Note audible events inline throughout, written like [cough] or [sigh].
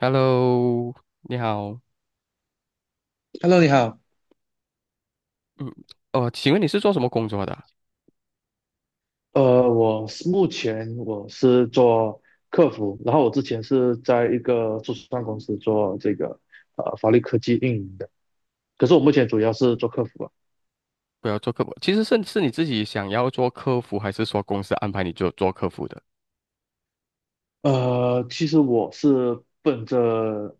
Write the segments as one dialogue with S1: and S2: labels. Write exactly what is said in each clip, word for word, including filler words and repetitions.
S1: Hello，你好。
S2: Hello，你好。
S1: 嗯，哦，请问你是做什么工作的啊。
S2: 呃，我是目前我是做客服，然后我之前是在一个初创公司做这个呃法律科技运营的，可是我目前主要是做客服啊。
S1: 不要做客服，其实是是你自己想要做客服，还是说公司安排你做做客服的？
S2: 呃，其实我是奔着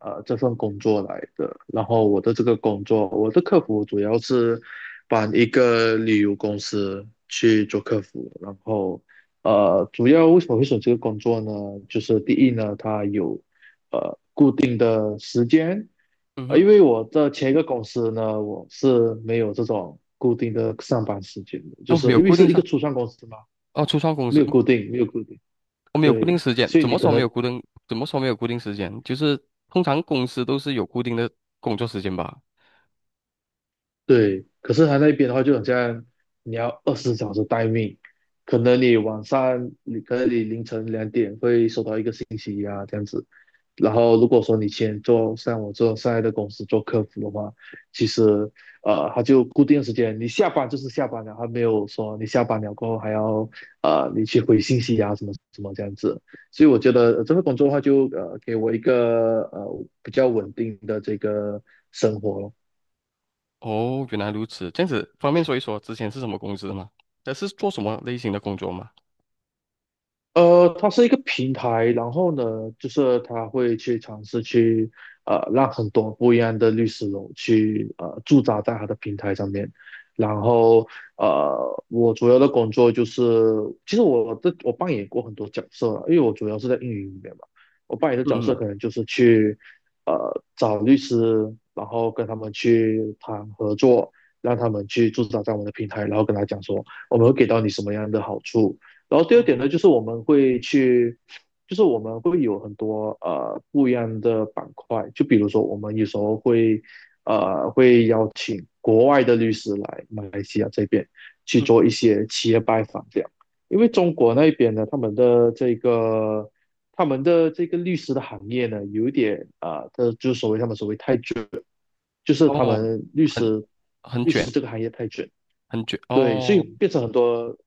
S2: 呃这份工作来的，然后我的这个工作，我的客服主要是帮一个旅游公司去做客服，然后呃主要为什么会选这个工作呢？就是第一呢，它有定的时间，
S1: 嗯
S2: 啊，
S1: 哼，
S2: 因为我的前一个公司呢，我是没有这种固定的上班时间的，就
S1: 哦，
S2: 是
S1: 没有
S2: 因为
S1: 固定
S2: 是一
S1: 上，
S2: 个初创公司嘛，
S1: 哦，初创公
S2: 没
S1: 司，
S2: 有固定，没有固定，
S1: 我、没有固
S2: 对，
S1: 定时间。
S2: 所以
S1: 怎
S2: 你
S1: 么
S2: 可
S1: 说没
S2: 能。
S1: 有固定？怎么说没有固定时间？就是通常公司都是有固定的工作时间吧？
S2: 对，可是他那边的话，就好像你要二十小时待命，可能你晚上，你可能你凌晨两点会收到一个信息啊，这样子。然后如果说你先做像我做现在的公司做客服的话，其实呃，他就固定时间，你下班就是下班了，他没有说你下班了过后还要呃你去回信息啊什么什么这样子。所以我觉得呃这份工作的话就，呃给我一个呃比较稳定的这个生活咯。
S1: 哦，原来如此，这样子方便说一说之前是什么公司吗？呃，是做什么类型的工作吗？
S2: 呃，它是一个平台，然后呢，就是它会去尝试去呃，让很多不一样的律师楼去呃驻扎在他的平台上面。然后呃，我主要的工作就是，其实我这我扮演过很多角色了，因为我主要是在运营里面嘛，我扮演的角色可
S1: 嗯。
S2: 能就是去呃找律师，然后跟他们去谈合作，让他们去驻扎在我们的平台，然后跟他讲说我们会给到你什么样的好处。然后第二
S1: 嗯。
S2: 点呢，就是我们会去，就是我们会有很多呃不一样的板块，就比如说我们有时候会呃会邀请国外的律师来马来西亚这边去
S1: 嗯。嗯。
S2: 做一些企业拜访这样，因为中国那边呢，他们的这个他们的这个律师的行业呢，有点啊，呃，就是所谓他们所谓太卷，就是他
S1: 哦，
S2: 们律
S1: 很
S2: 师
S1: 很
S2: 律
S1: 卷，
S2: 师这个行业太卷。
S1: 很卷
S2: 对，所以
S1: 哦。
S2: 变成很多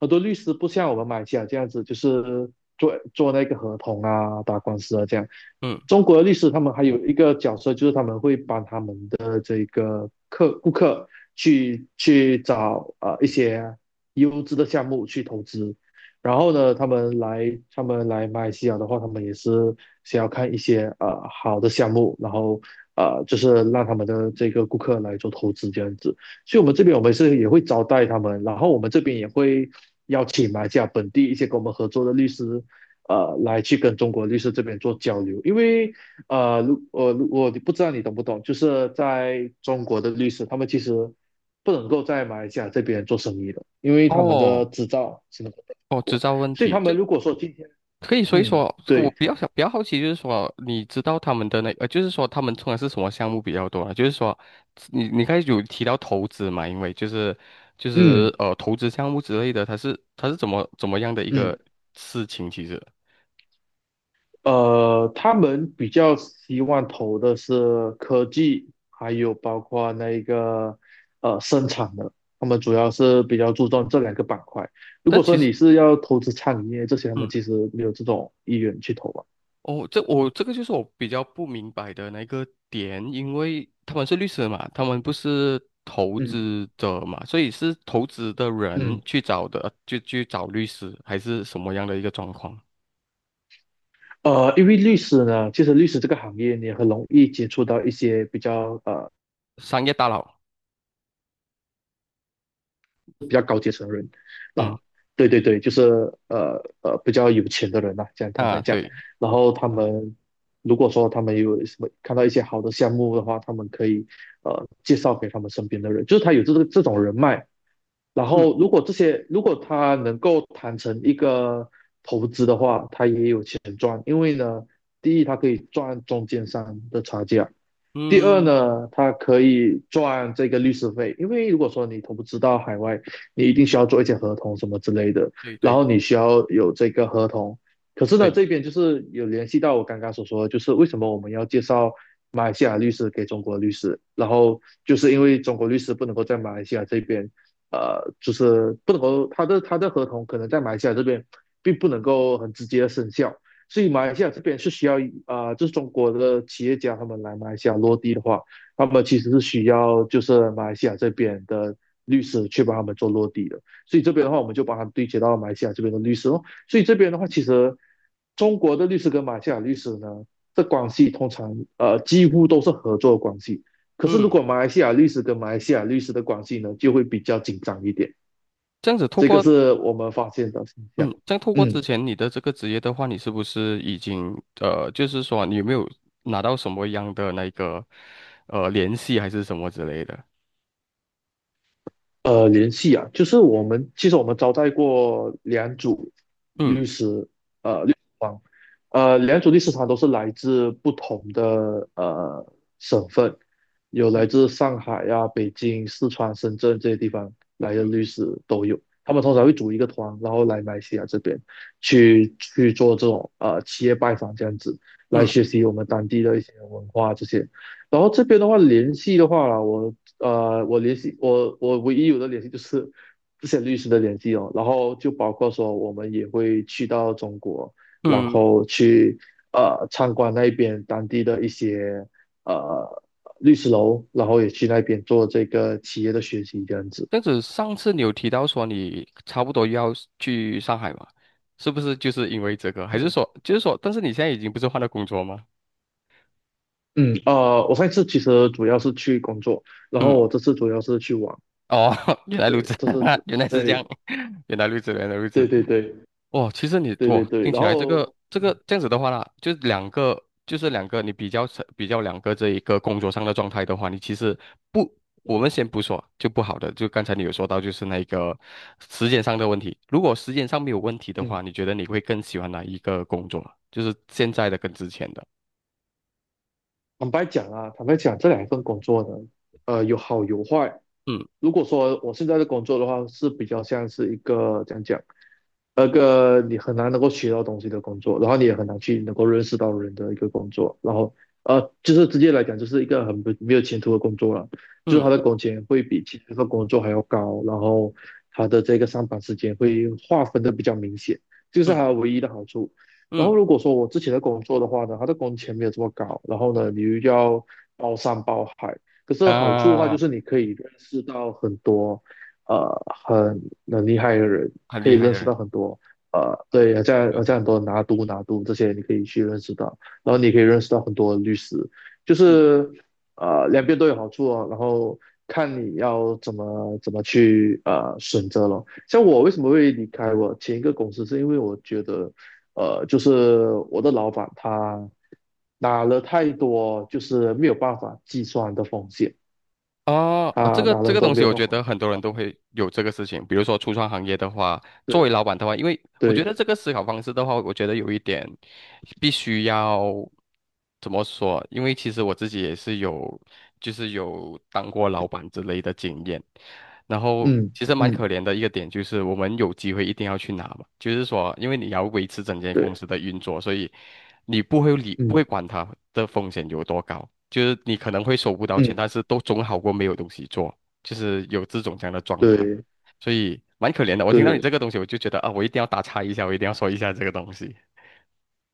S2: 很多律师不像我们马来西亚这样子，就是做做那个合同啊、打官司啊这样。
S1: 嗯。
S2: 中国的律师他们还有一个角色，就是他们会帮他们的这个客顾客去去找呃一些优质的项目去投资。然后呢，他们来他们来马来西亚的话，他们也是想要看一些呃好的项目，然后呃就是让他们的这个顾客来做投资这样子。所以我们这边我们是也会招待他们，然后我们这边也会邀请马来西亚本地一些跟我们合作的律师，呃，来去跟中国律师这边做交流。因为呃，如我我不知道你懂不懂，就是在中国的律师，他们其实不能够在马来西亚这边做生意的，因为他们
S1: 哦，
S2: 的执照什么的。
S1: 哦，知道问
S2: 所以他
S1: 题，这
S2: 们如果说今天，
S1: 可以说一说。
S2: 嗯，
S1: 我
S2: 对，
S1: 比较想比较好奇，就是说，你知道他们的那呃，就是说他们通常是什么项目比较多啊？就是说，你你刚才有提到投资嘛？因为就是就
S2: 嗯
S1: 是呃，投资项目之类的，它是它是怎么怎么样的一
S2: 嗯。
S1: 个事情？其实，
S2: 呃，他们比较希望投的是科技，还有包括那个呃生产的，他们主要是比较注重这两个板块。如果
S1: 但
S2: 说
S1: 其实。
S2: 你是要投资餐饮业这些，他们
S1: 嗯。
S2: 其实没有这种意愿去投吧。
S1: 哦，这我这个就是我比较不明白的那个点，因为他们是律师嘛，他们不是投
S2: 嗯
S1: 资者嘛，所以是投资的人
S2: 嗯，
S1: 去找的，就去找律师，还是什么样的一个状况？
S2: 呃，因为律师呢，其实律师这个行业你很容易接触到一些比较呃
S1: 商业大佬，
S2: 比较高阶层的人
S1: 嗯。
S2: 啊，对对对，就是呃呃比较有钱的人呐、这样坦白
S1: 啊，
S2: 讲，
S1: 对，
S2: 然后他们如果说他们有什么看到一些好的项目的话，他们可以呃介绍给他们身边的人，就是他有这个这种人脉，然
S1: 嗯。
S2: 后如果这些如果他能够谈成一个投资的话，他也有钱赚，因为呢，第一他可以赚中间商的差价。第二
S1: 嗯，
S2: 呢，他可以赚这个律师费，因为如果说你投资到海外，你一定需要做一些合同什么之类的，
S1: 对
S2: 然
S1: 对
S2: 后你需要有这个合同。可是呢，
S1: 对，
S2: 这边就是有联系到我刚刚所说的就是为什么我们要介绍马来西亚律师给中国律师，然后就是因为中国律师不能够在马来西亚这边，呃，就是不能够他的他的合同可能在马来西亚这边并不能够很直接的生效，所以马来西亚这边是需要啊、呃就是中国的企业家他们来马来西亚落地的话，他们其实是需要就是马来西亚这边的律师去帮他们做落地的。所以这边的话，我们就帮他们对接到马来西亚这边的律师咯。所以这边的话，其实中国的律师跟马来西亚律师呢，这关系通常呃几乎都是合作的关系。可是如果
S1: 嗯，
S2: 马来西亚律师跟马来西亚律师的关系呢，就会比较紧张一点。
S1: 这样子透
S2: 这个
S1: 过，
S2: 是我们发现的现象。
S1: 嗯，这样透过之
S2: 嗯。
S1: 前你的这个职业的话，你是不是已经呃，就是说你有没有拿到什么样的那个呃联系还是什么之类的？
S2: 呃，联系啊，就是我们其实我们招待过两组
S1: 嗯。
S2: 律师，呃，律师团，呃，两组律师团都是来自不同的呃省份，有来
S1: 嗯。
S2: 自上海呀、北京、四川、深圳这些地方来的
S1: 嗯。
S2: 律师都有。他们通常会组一个团，然后来马来西亚这边去去做这种呃企业拜访这样子，来
S1: 嗯。
S2: 学习我们当地的一些文化这些。然后这边的话，联系的话啦我呃，我联系我我唯一有的联系就是这些律师的联系哦，然后就包括说我们也会去到中国，然
S1: 嗯，
S2: 后去呃参观那边当地的一些呃律师楼，然后也去那边做这个企业的学习这样子。
S1: 这样子，上次你有提到说你差不多要去上海嘛？是不是就是因为这个？还是
S2: 嗯
S1: 说，就是说，但是你现在已经不是换了工作吗？
S2: 嗯，呃，我上一次其实主要是去工作，然后
S1: 嗯，
S2: 我这次主要是去玩，
S1: 哦，[laughs] 原来如
S2: 对，
S1: 此，
S2: 这是
S1: [laughs] 原来是这样，
S2: 对
S1: [laughs] 原来如此，原来如
S2: 对
S1: 此。
S2: 对对
S1: 哦，其实你
S2: 对对
S1: 哇
S2: 对，
S1: 听
S2: 然
S1: 起来这个
S2: 后
S1: 这个
S2: 嗯
S1: 这样子的话啦，就是两个，就是两个，你比较成比较两个这一个工作上的状态的话，你其实不，我
S2: 嗯
S1: 们先不说就不好的，就刚才你有说到就是那个时间上的问题。如果时间上没有问题的
S2: 嗯。
S1: 话，你觉得你会更喜欢哪一个工作啊？就是现在的跟之前的？
S2: 坦白讲啊，坦白讲，这两份工作呢，呃，有好有坏。
S1: 嗯。
S2: 如果说我现在的工作的话，是比较像是一个讲讲，那个你很难能够学到东西的工作，然后你也很难去能够认识到人的一个工作，然后呃，就是直接来讲，就是一个很不没有前途的工作了，就是
S1: 嗯。
S2: 他的工钱会比其他的工作还要高，然后他的这个上班时间会划分的比较明显，这个是
S1: 嗯。
S2: 他唯一的好处。然
S1: 嗯。
S2: 后如果说我之前的工作的话呢，他的工钱没有这么高，然后
S1: 嗯。
S2: 呢，你又要包山包海，可是好处的话
S1: 啊，
S2: 就是你可以认识到很多。呃很很厉害的人，
S1: 很
S2: 可
S1: 厉
S2: 以
S1: 害
S2: 认
S1: 的
S2: 识
S1: 人，
S2: 到很多呃对，好
S1: 对
S2: 像
S1: 对
S2: 好像
S1: 对，
S2: 很多拿督拿督这些你可以去认识到，然后你可以认识到很多律师，就
S1: 嗯。
S2: 是呃两边都有好处哦，然后看你要怎么怎么去呃选择了。像我为什么会离开我前一个公司，是因为我觉得呃就是我的老板他。拿了太多就是没有办法计算的风险，
S1: 哦，呃，这
S2: 他
S1: 个
S2: 拿了
S1: 这
S2: 很
S1: 个
S2: 多
S1: 东
S2: 没
S1: 西，
S2: 有
S1: 我
S2: 办
S1: 觉
S2: 法，
S1: 得很多人都会有这个事情。比如说，初创行业的话，作为
S2: 对
S1: 老板的话，因为我觉
S2: 对，
S1: 得这个思考方式的话，我觉得有一点必须要怎么说？因为其实我自己也是有，就是有当过老板之类的经验。然后
S2: 嗯
S1: 其实蛮
S2: 嗯，
S1: 可怜的一个点就是，我们有机会一定要去拿嘛，就是说，因为你要维持整间公
S2: 对，
S1: 司的运作，所以你不会理不会
S2: 嗯
S1: 管它的风险有多高，就是你可能会收不到钱，
S2: 嗯，
S1: 但是都总好过没有东西做，就是有这种这样的状态，
S2: 对
S1: 所以蛮可怜的。我听到你这
S2: 对，
S1: 个东西，我就觉得啊，我一定要打岔一下，我一定要说一下这个东西。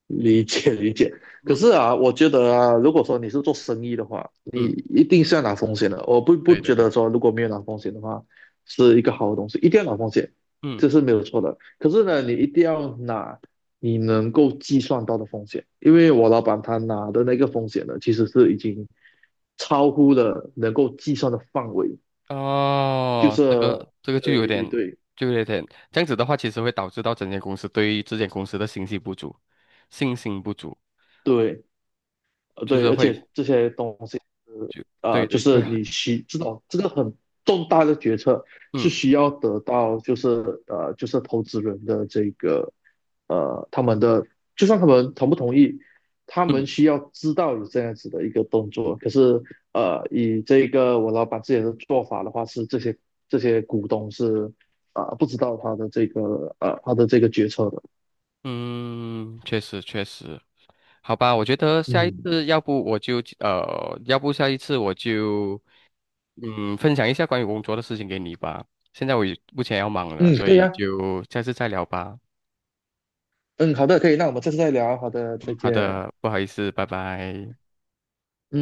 S2: 理解理解。可
S1: 嗯。
S2: 是啊，我觉得啊，如果说你是做生意的话，你
S1: 嗯，
S2: 一定是要拿风险的。我不不
S1: 对对
S2: 觉
S1: 对，
S2: 得说如果没有拿风险的话，是一个好的东西，一定要拿风险，
S1: 嗯。
S2: 这是没有错的。可是呢，你一定要拿你能够计算到的风险，因为我老板他拿的那个风险呢，其实是已经超乎了能够计算的范围，就
S1: 哦，这
S2: 是
S1: 个这个就有
S2: 对
S1: 点，
S2: 对对
S1: 就有点这样子的话，其实会导致到整间公司对于这间公司的信息不足，信心不足，
S2: 对。呃，
S1: 就
S2: 对，
S1: 是
S2: 而
S1: 会
S2: 且这些东西，
S1: 就
S2: 呃，
S1: 对
S2: 就
S1: 对
S2: 是
S1: 对，
S2: 你需知道这个很重大的决策是
S1: 嗯。
S2: 需要得到，就是呃，就是投资人的这个呃，他们的就算他们同不同意，他们
S1: 嗯。
S2: 需要知道有这样子的一个动作。可是呃，以这个我老板自己的做法的话，是这些这些股东是啊、呃不知道他的这个呃他的这个决策的。
S1: 嗯，确实确实，好吧，我觉得下一
S2: 嗯
S1: 次要不我就呃，要不下一次我就嗯分享一下关于工作的事情给你吧。现在我也目前要忙了，
S2: 嗯，
S1: 所
S2: 可以
S1: 以
S2: 啊，
S1: 就下次再聊吧。
S2: 嗯，好的，可以，那我们下次再聊，好的，再
S1: 嗯，好
S2: 见。
S1: 的，不好意思，拜拜。